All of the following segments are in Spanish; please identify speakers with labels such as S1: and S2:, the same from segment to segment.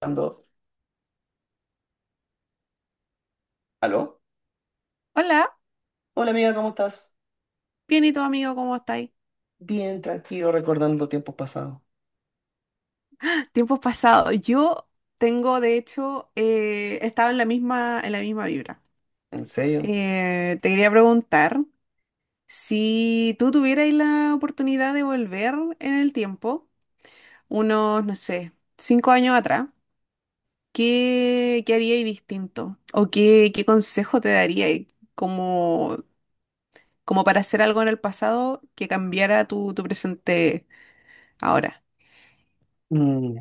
S1: Ando. ¿Aló?
S2: Hola,
S1: Hola, amiga, ¿cómo estás?
S2: bien, y tu amigo, ¿cómo estáis?
S1: Bien, tranquilo, recordando tiempos pasados.
S2: Tiempos pasados. Yo tengo, de hecho, estaba en la misma vibra.
S1: ¿En serio?
S2: Te quería preguntar si tú tuvierais la oportunidad de volver en el tiempo, unos, no sé, 5 años atrás, ¿qué haríais distinto? ¿O qué consejo te daríais como, como para hacer algo en el pasado que cambiara tu presente ahora?
S1: Mm,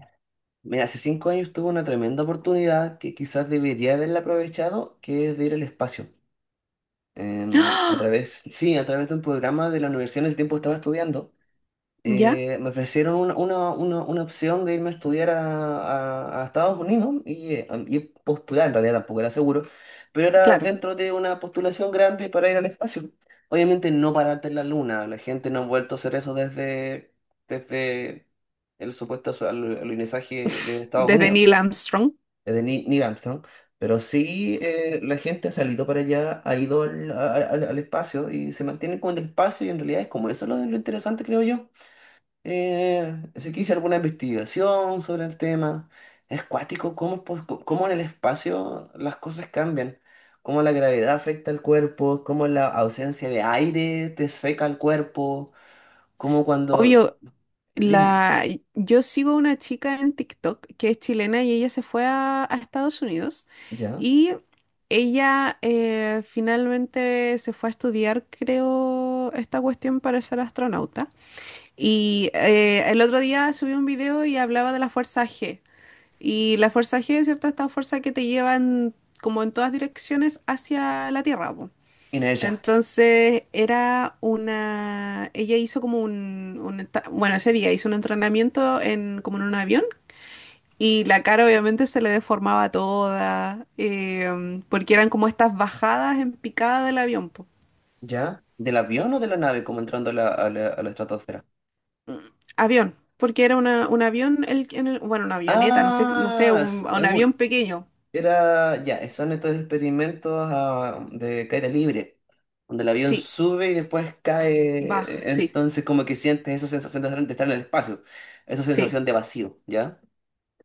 S1: Mira, hace 5 años tuve una tremenda oportunidad que quizás debería haberla aprovechado, que es de ir al espacio. A través, sí, a través de un programa de la universidad en ese tiempo estaba estudiando.
S2: ¿Ya?
S1: Me ofrecieron una opción de irme a estudiar a, a Estados Unidos y postular, en realidad tampoco era seguro, pero era
S2: Claro.
S1: dentro de una postulación grande para ir al espacio. Obviamente no pararte en la luna, la gente no ha vuelto a hacer eso desde el supuesto alunizaje de Estados
S2: Desde
S1: Unidos,
S2: Neil Armstrong.
S1: desde Neil Armstrong. Pero sí, la gente ha salido para allá, ha ido al espacio y se mantiene como en el espacio y en realidad es como eso lo interesante, creo yo. Así que hice alguna investigación sobre el tema. Es cuático cómo en el espacio las cosas cambian, cómo la gravedad afecta al cuerpo, cómo la ausencia de aire te seca el cuerpo, cómo cuando...
S2: Obvio.
S1: Dime,
S2: la, yo sigo una chica en TikTok que es chilena y ella se fue a Estados Unidos,
S1: ¿ya?
S2: y ella finalmente se fue a estudiar, creo, esta cuestión para ser astronauta. Y el otro día subí un video y hablaba de la fuerza G. Y la fuerza G es cierto, esta fuerza que te llevan como en todas direcciones hacia la Tierra, po.
S1: Inés, ¿ya?
S2: Entonces era una, ella hizo como bueno, ese día hizo un entrenamiento como en un avión, y la cara obviamente se le deformaba toda, porque eran como estas bajadas en picada del avión, po.
S1: ¿Ya? ¿Del avión o de la nave como entrando a la estratosfera?
S2: Avión, porque era un avión, bueno, una avioneta, no sé, no sé,
S1: Ah,
S2: un,
S1: es
S2: un
S1: un
S2: avión pequeño.
S1: era, ya, son estos experimentos de caída libre, donde el avión
S2: Sí,
S1: sube y después
S2: baja,
S1: cae,
S2: sí,
S1: entonces como que sientes esa sensación de estar en el espacio, esa
S2: sí.
S1: sensación de vacío, ¿ya?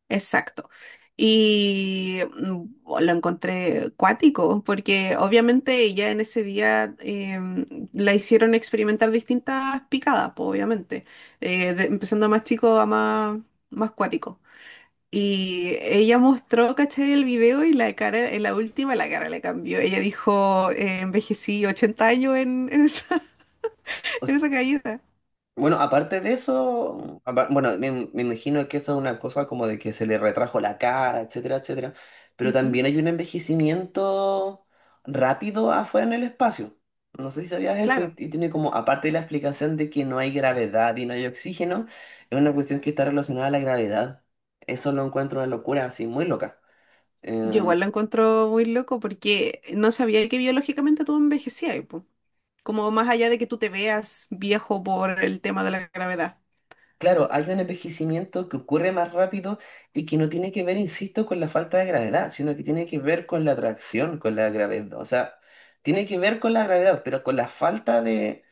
S2: Exacto. Y oh, lo encontré cuático, porque obviamente ella en ese día la hicieron experimentar distintas picadas, pues, obviamente, empezando a más chico a más, más cuático. Y ella mostró, ¿cachai? El video y la cara, en la última la cara le cambió. Ella dijo, envejecí 80 años en esa caída.
S1: Bueno, aparte de eso, me imagino que eso es una cosa como de que se le retrajo la cara, etcétera, etcétera, pero
S2: Ujú.
S1: también hay un envejecimiento rápido afuera en el espacio. No sé si sabías eso
S2: Claro.
S1: y tiene como, aparte de la explicación de que no hay gravedad y no hay oxígeno, es una cuestión que está relacionada a la gravedad. Eso lo encuentro una locura, así, muy loca.
S2: Yo
S1: Em,
S2: igual lo encuentro muy loco porque no sabía que biológicamente tú envejecías, pues. Como más allá de que tú te veas viejo por el tema de la gravedad.
S1: Claro, hay un envejecimiento que ocurre más rápido y que no tiene que ver, insisto, con la falta de gravedad, sino que tiene que ver con la atracción, con la gravedad. O sea, tiene que ver con la gravedad, pero con la falta de...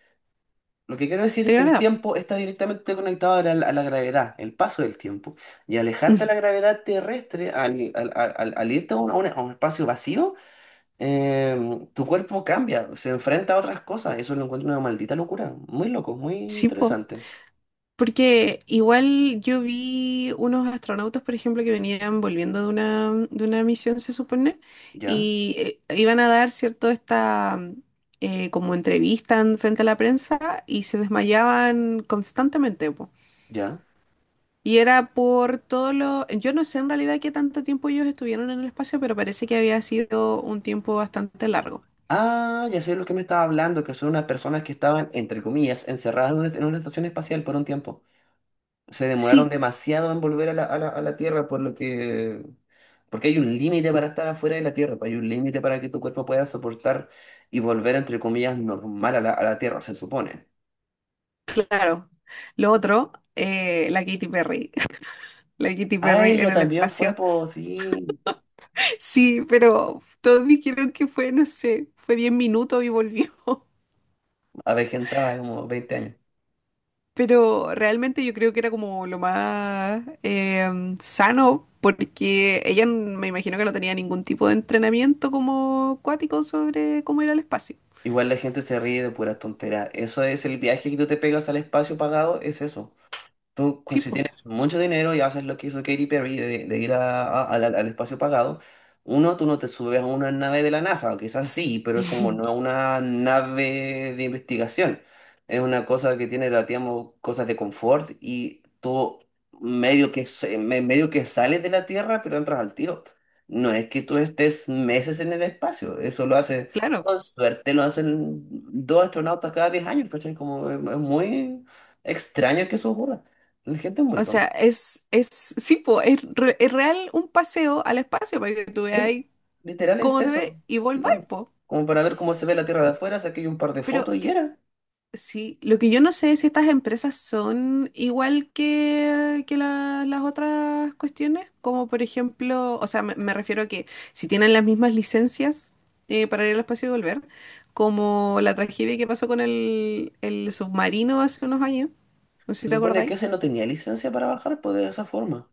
S1: Lo que quiero decir
S2: De
S1: es que el
S2: gravedad, po.
S1: tiempo está directamente conectado a la gravedad, el paso del tiempo. Y alejarte de la gravedad terrestre, al irte a un espacio vacío, tu cuerpo cambia, se enfrenta a otras cosas. Eso lo encuentro una maldita locura. Muy loco, muy
S2: Sí, po.
S1: interesante.
S2: Porque igual yo vi unos astronautas, por ejemplo, que venían volviendo de una misión, se supone,
S1: Ya,
S2: y iban a dar, ¿cierto?, esta como entrevista frente a la prensa, y se desmayaban constantemente, po.
S1: ya.
S2: Y era por todo lo. Yo no sé en realidad qué tanto tiempo ellos estuvieron en el espacio, pero parece que había sido un tiempo bastante largo.
S1: Ah, ya sé lo que me estaba hablando, que son unas personas que estaban, entre comillas, encerradas en una estación espacial por un tiempo. Se demoraron
S2: Sí.
S1: demasiado en volver a la Tierra, por lo que... Porque hay un límite para estar afuera de la Tierra, pues, hay un límite para que tu cuerpo pueda soportar y volver, entre comillas, normal a la Tierra, se supone.
S2: Claro. Lo otro, la Katy Perry. La Katy
S1: Ah,
S2: Perry en
S1: ella
S2: el
S1: también fue,
S2: espacio.
S1: pues sí,
S2: Sí, pero todos dijeron que fue, no sé, fue 10 minutos y volvió.
S1: avejentada, como 20 años.
S2: Pero realmente yo creo que era como lo más sano, porque ella me imagino que no tenía ningún tipo de entrenamiento como acuático sobre cómo ir al espacio.
S1: Igual la gente se ríe de puras tonteras. Eso es el viaje que tú te pegas al espacio pagado, es eso. Tú, cu-
S2: Sí,
S1: si
S2: pues,
S1: tienes mucho dinero y haces lo que hizo Katy Perry de ir al espacio pagado, uno, tú no te subes a una nave de la NASA, o quizás sí, pero es como no es una nave de investigación. Es una cosa que tiene, la- digamos, cosas de confort y tú medio que sales de la Tierra, pero entras al tiro. No es que tú estés meses en el espacio, eso lo hace,
S2: claro.
S1: con suerte lo hacen dos astronautas cada 10 años, ¿cachai? Como es muy extraño que eso ocurra. La gente es muy
S2: O sea,
S1: tonta.
S2: sí, pues, es real, un paseo al espacio para que tú
S1: Él,
S2: veas
S1: literal, es
S2: cómo se
S1: eso.
S2: ve y volváis,
S1: Claro.
S2: pues.
S1: Como para ver cómo se ve la tierra de afuera, saqué yo un par de fotos
S2: Pero
S1: y era.
S2: sí, lo que yo no sé es si estas empresas son igual que, que las otras cuestiones, como por ejemplo, o sea, me refiero a que si tienen las mismas licencias para ir al espacio y volver, como la tragedia que pasó con el submarino hace unos años, no sé si
S1: Se
S2: te
S1: supone que
S2: acordáis.
S1: ese no tenía licencia para bajar, pues de esa forma.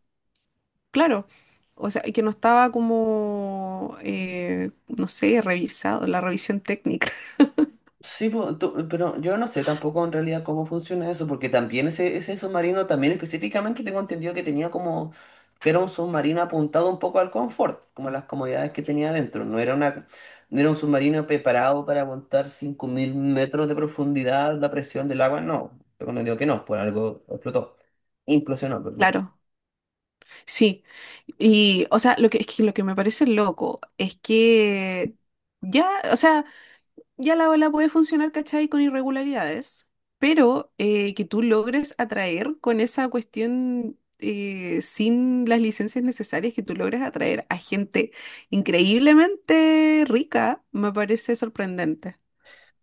S2: Claro, o sea, y que no estaba como, no sé, revisado, la revisión técnica.
S1: Sí, po, tú- pero yo no sé tampoco en realidad cómo funciona eso, porque también ese submarino, también específicamente tengo entendido que tenía como, que era un submarino apuntado un poco al confort, como las comodidades que tenía adentro. No era una, no era un submarino preparado para aguantar 5000 metros de profundidad la presión del agua, no. Tengo entendido que no, por algo explotó, implosionó, perdón.
S2: Claro. Sí, y o sea, lo que, es que lo que me parece loco es que ya, o sea, ya la ola puede funcionar, ¿cachai? Con irregularidades, pero que tú logres atraer con esa cuestión sin las licencias necesarias, que tú logres atraer a gente increíblemente rica, me parece sorprendente.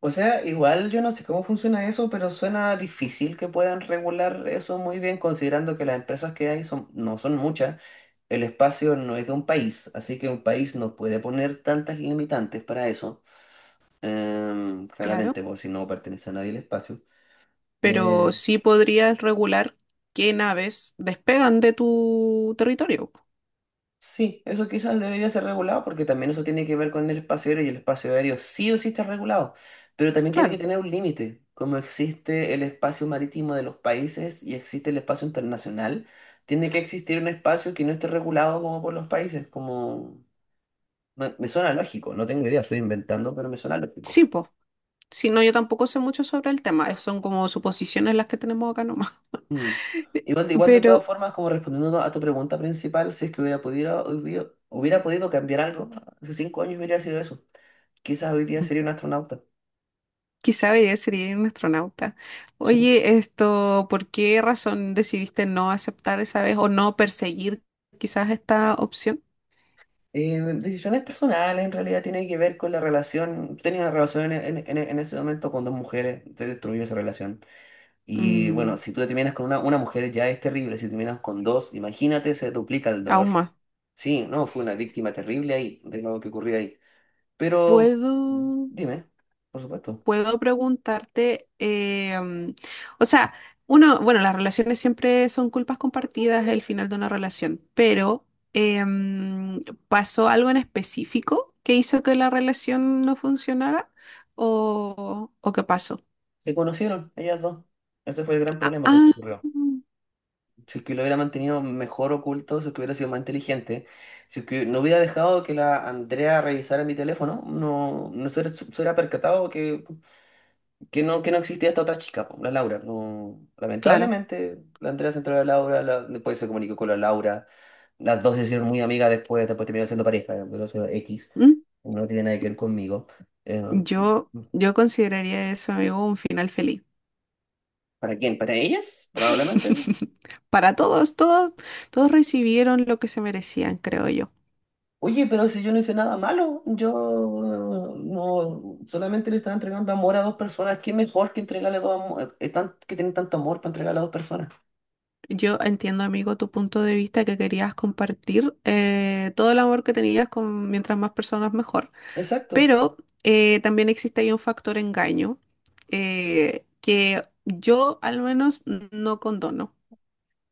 S1: O sea, igual yo no sé cómo funciona eso, pero suena difícil que puedan regular eso muy bien, considerando que las empresas que hay son, no son muchas, el espacio no es de un país, así que un país no puede poner tantas limitantes para eso.
S2: Claro,
S1: Claramente, porque si no pertenece a nadie el espacio.
S2: pero
S1: Eh,
S2: sí podrías regular qué naves despegan de tu territorio.
S1: Sí, eso quizás debería ser regulado porque también eso tiene que ver con el espacio aéreo y el espacio aéreo sí o sí está regulado, pero también tiene que
S2: Claro.
S1: tener un límite, como existe el espacio marítimo de los países y existe el espacio internacional, tiene que existir un espacio que no esté regulado como por los países, como me suena lógico, no tengo idea, estoy inventando, pero me suena lógico.
S2: Sí, po. Si no, yo tampoco sé mucho sobre el tema, son como suposiciones las que tenemos acá nomás.
S1: Mm. Igual, de- igual de todas
S2: Pero
S1: formas, como respondiendo a tu pregunta principal, si es que hubiera podido, hubiera podido cambiar algo, hace 5 años hubiera sido eso. Quizás hoy día
S2: mm,
S1: sería un astronauta.
S2: quizá ella sería un astronauta.
S1: Sí.
S2: Oye, esto, ¿por qué razón decidiste no aceptar esa vez o no perseguir quizás esta opción?
S1: Decisiones personales en realidad tiene que ver con la relación. Tenía una relación en ese momento con dos mujeres, se destruyó esa relación. Y bueno,
S2: Mm,
S1: si tú te terminas con una mujer ya es terrible, si terminas con dos, imagínate, se duplica el
S2: Aún
S1: dolor.
S2: más.
S1: Sí, no, fue una víctima terrible ahí, de lo que ocurrió ahí. Pero
S2: ¿Puedo?
S1: dime, por supuesto,
S2: Puedo preguntarte, o sea, uno, bueno, las relaciones siempre son culpas compartidas el final de una relación, pero eh, mm, ¿pasó algo en específico que hizo que la relación no funcionara o qué pasó?
S1: se conocieron ellas dos. Ese fue el gran
S2: Ah,
S1: problema que
S2: ah,
S1: ocurrió. Si es que lo hubiera mantenido mejor oculto, si es que hubiera sido más inteligente, si es que no hubiera dejado que la Andrea revisara mi teléfono, no, no se, hubiera se hubiera percatado que, no, que no existía esta otra chica, po, la Laura. No,
S2: claro.
S1: lamentablemente, la Andrea se enteró de la Laura, después se comunicó con la Laura, las dos se hicieron muy amigas después, después terminaron siendo pareja, pero eso era X,
S2: Mm,
S1: no tiene nada que ver conmigo. Eh,
S2: yo consideraría eso, amigo, un final feliz.
S1: ¿Para quién? ¿Para ellas? Probablemente.
S2: Para todos, todos, todos recibieron lo que se merecían, creo yo.
S1: Oye, pero si yo no hice nada malo, yo no, solamente le estaba entregando amor a dos personas, ¿qué mejor que entregarle dos amor, que tienen tanto amor para entregarle a dos personas?
S2: Yo entiendo, amigo, tu punto de vista, que querías compartir todo el amor que tenías con mientras más personas mejor.
S1: Exacto,
S2: Pero también existe ahí un factor engaño, que yo al menos no condono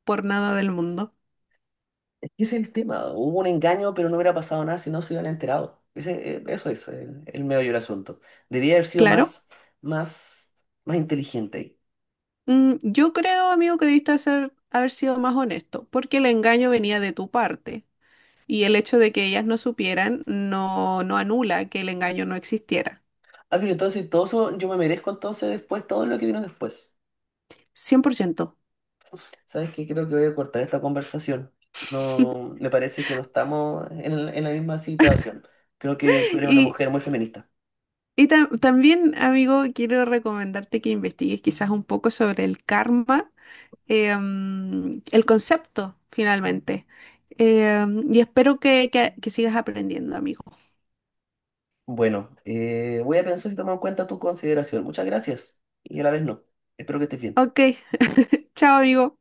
S2: por nada del mundo.
S1: es que ese es el tema, hubo un engaño, pero no hubiera pasado nada si no se hubieran enterado. Ese, eso es el medio del asunto. Debía haber sido
S2: Claro,
S1: más, más, más inteligente ahí.
S2: yo creo, amigo, que debiste haber sido más honesto, porque el engaño venía de tu parte, y el hecho de que ellas no supieran no, no anula que el engaño no existiera.
S1: Ah, pero entonces todo eso, yo me merezco entonces después todo lo que vino después.
S2: 100%.
S1: ¿Sabes qué? Creo que voy a cortar esta conversación. No, me parece que no estamos en la misma situación. Creo que tú eres una
S2: Y
S1: mujer muy feminista.
S2: También, amigo, quiero recomendarte que investigues quizás un poco sobre el karma, el concepto, finalmente. Eh, y espero que, que sigas aprendiendo, amigo.
S1: Bueno, voy a pensar si tomo en cuenta tu consideración. Muchas gracias. Y a la vez no. Espero que estés bien.
S2: Ok, chao, amigo.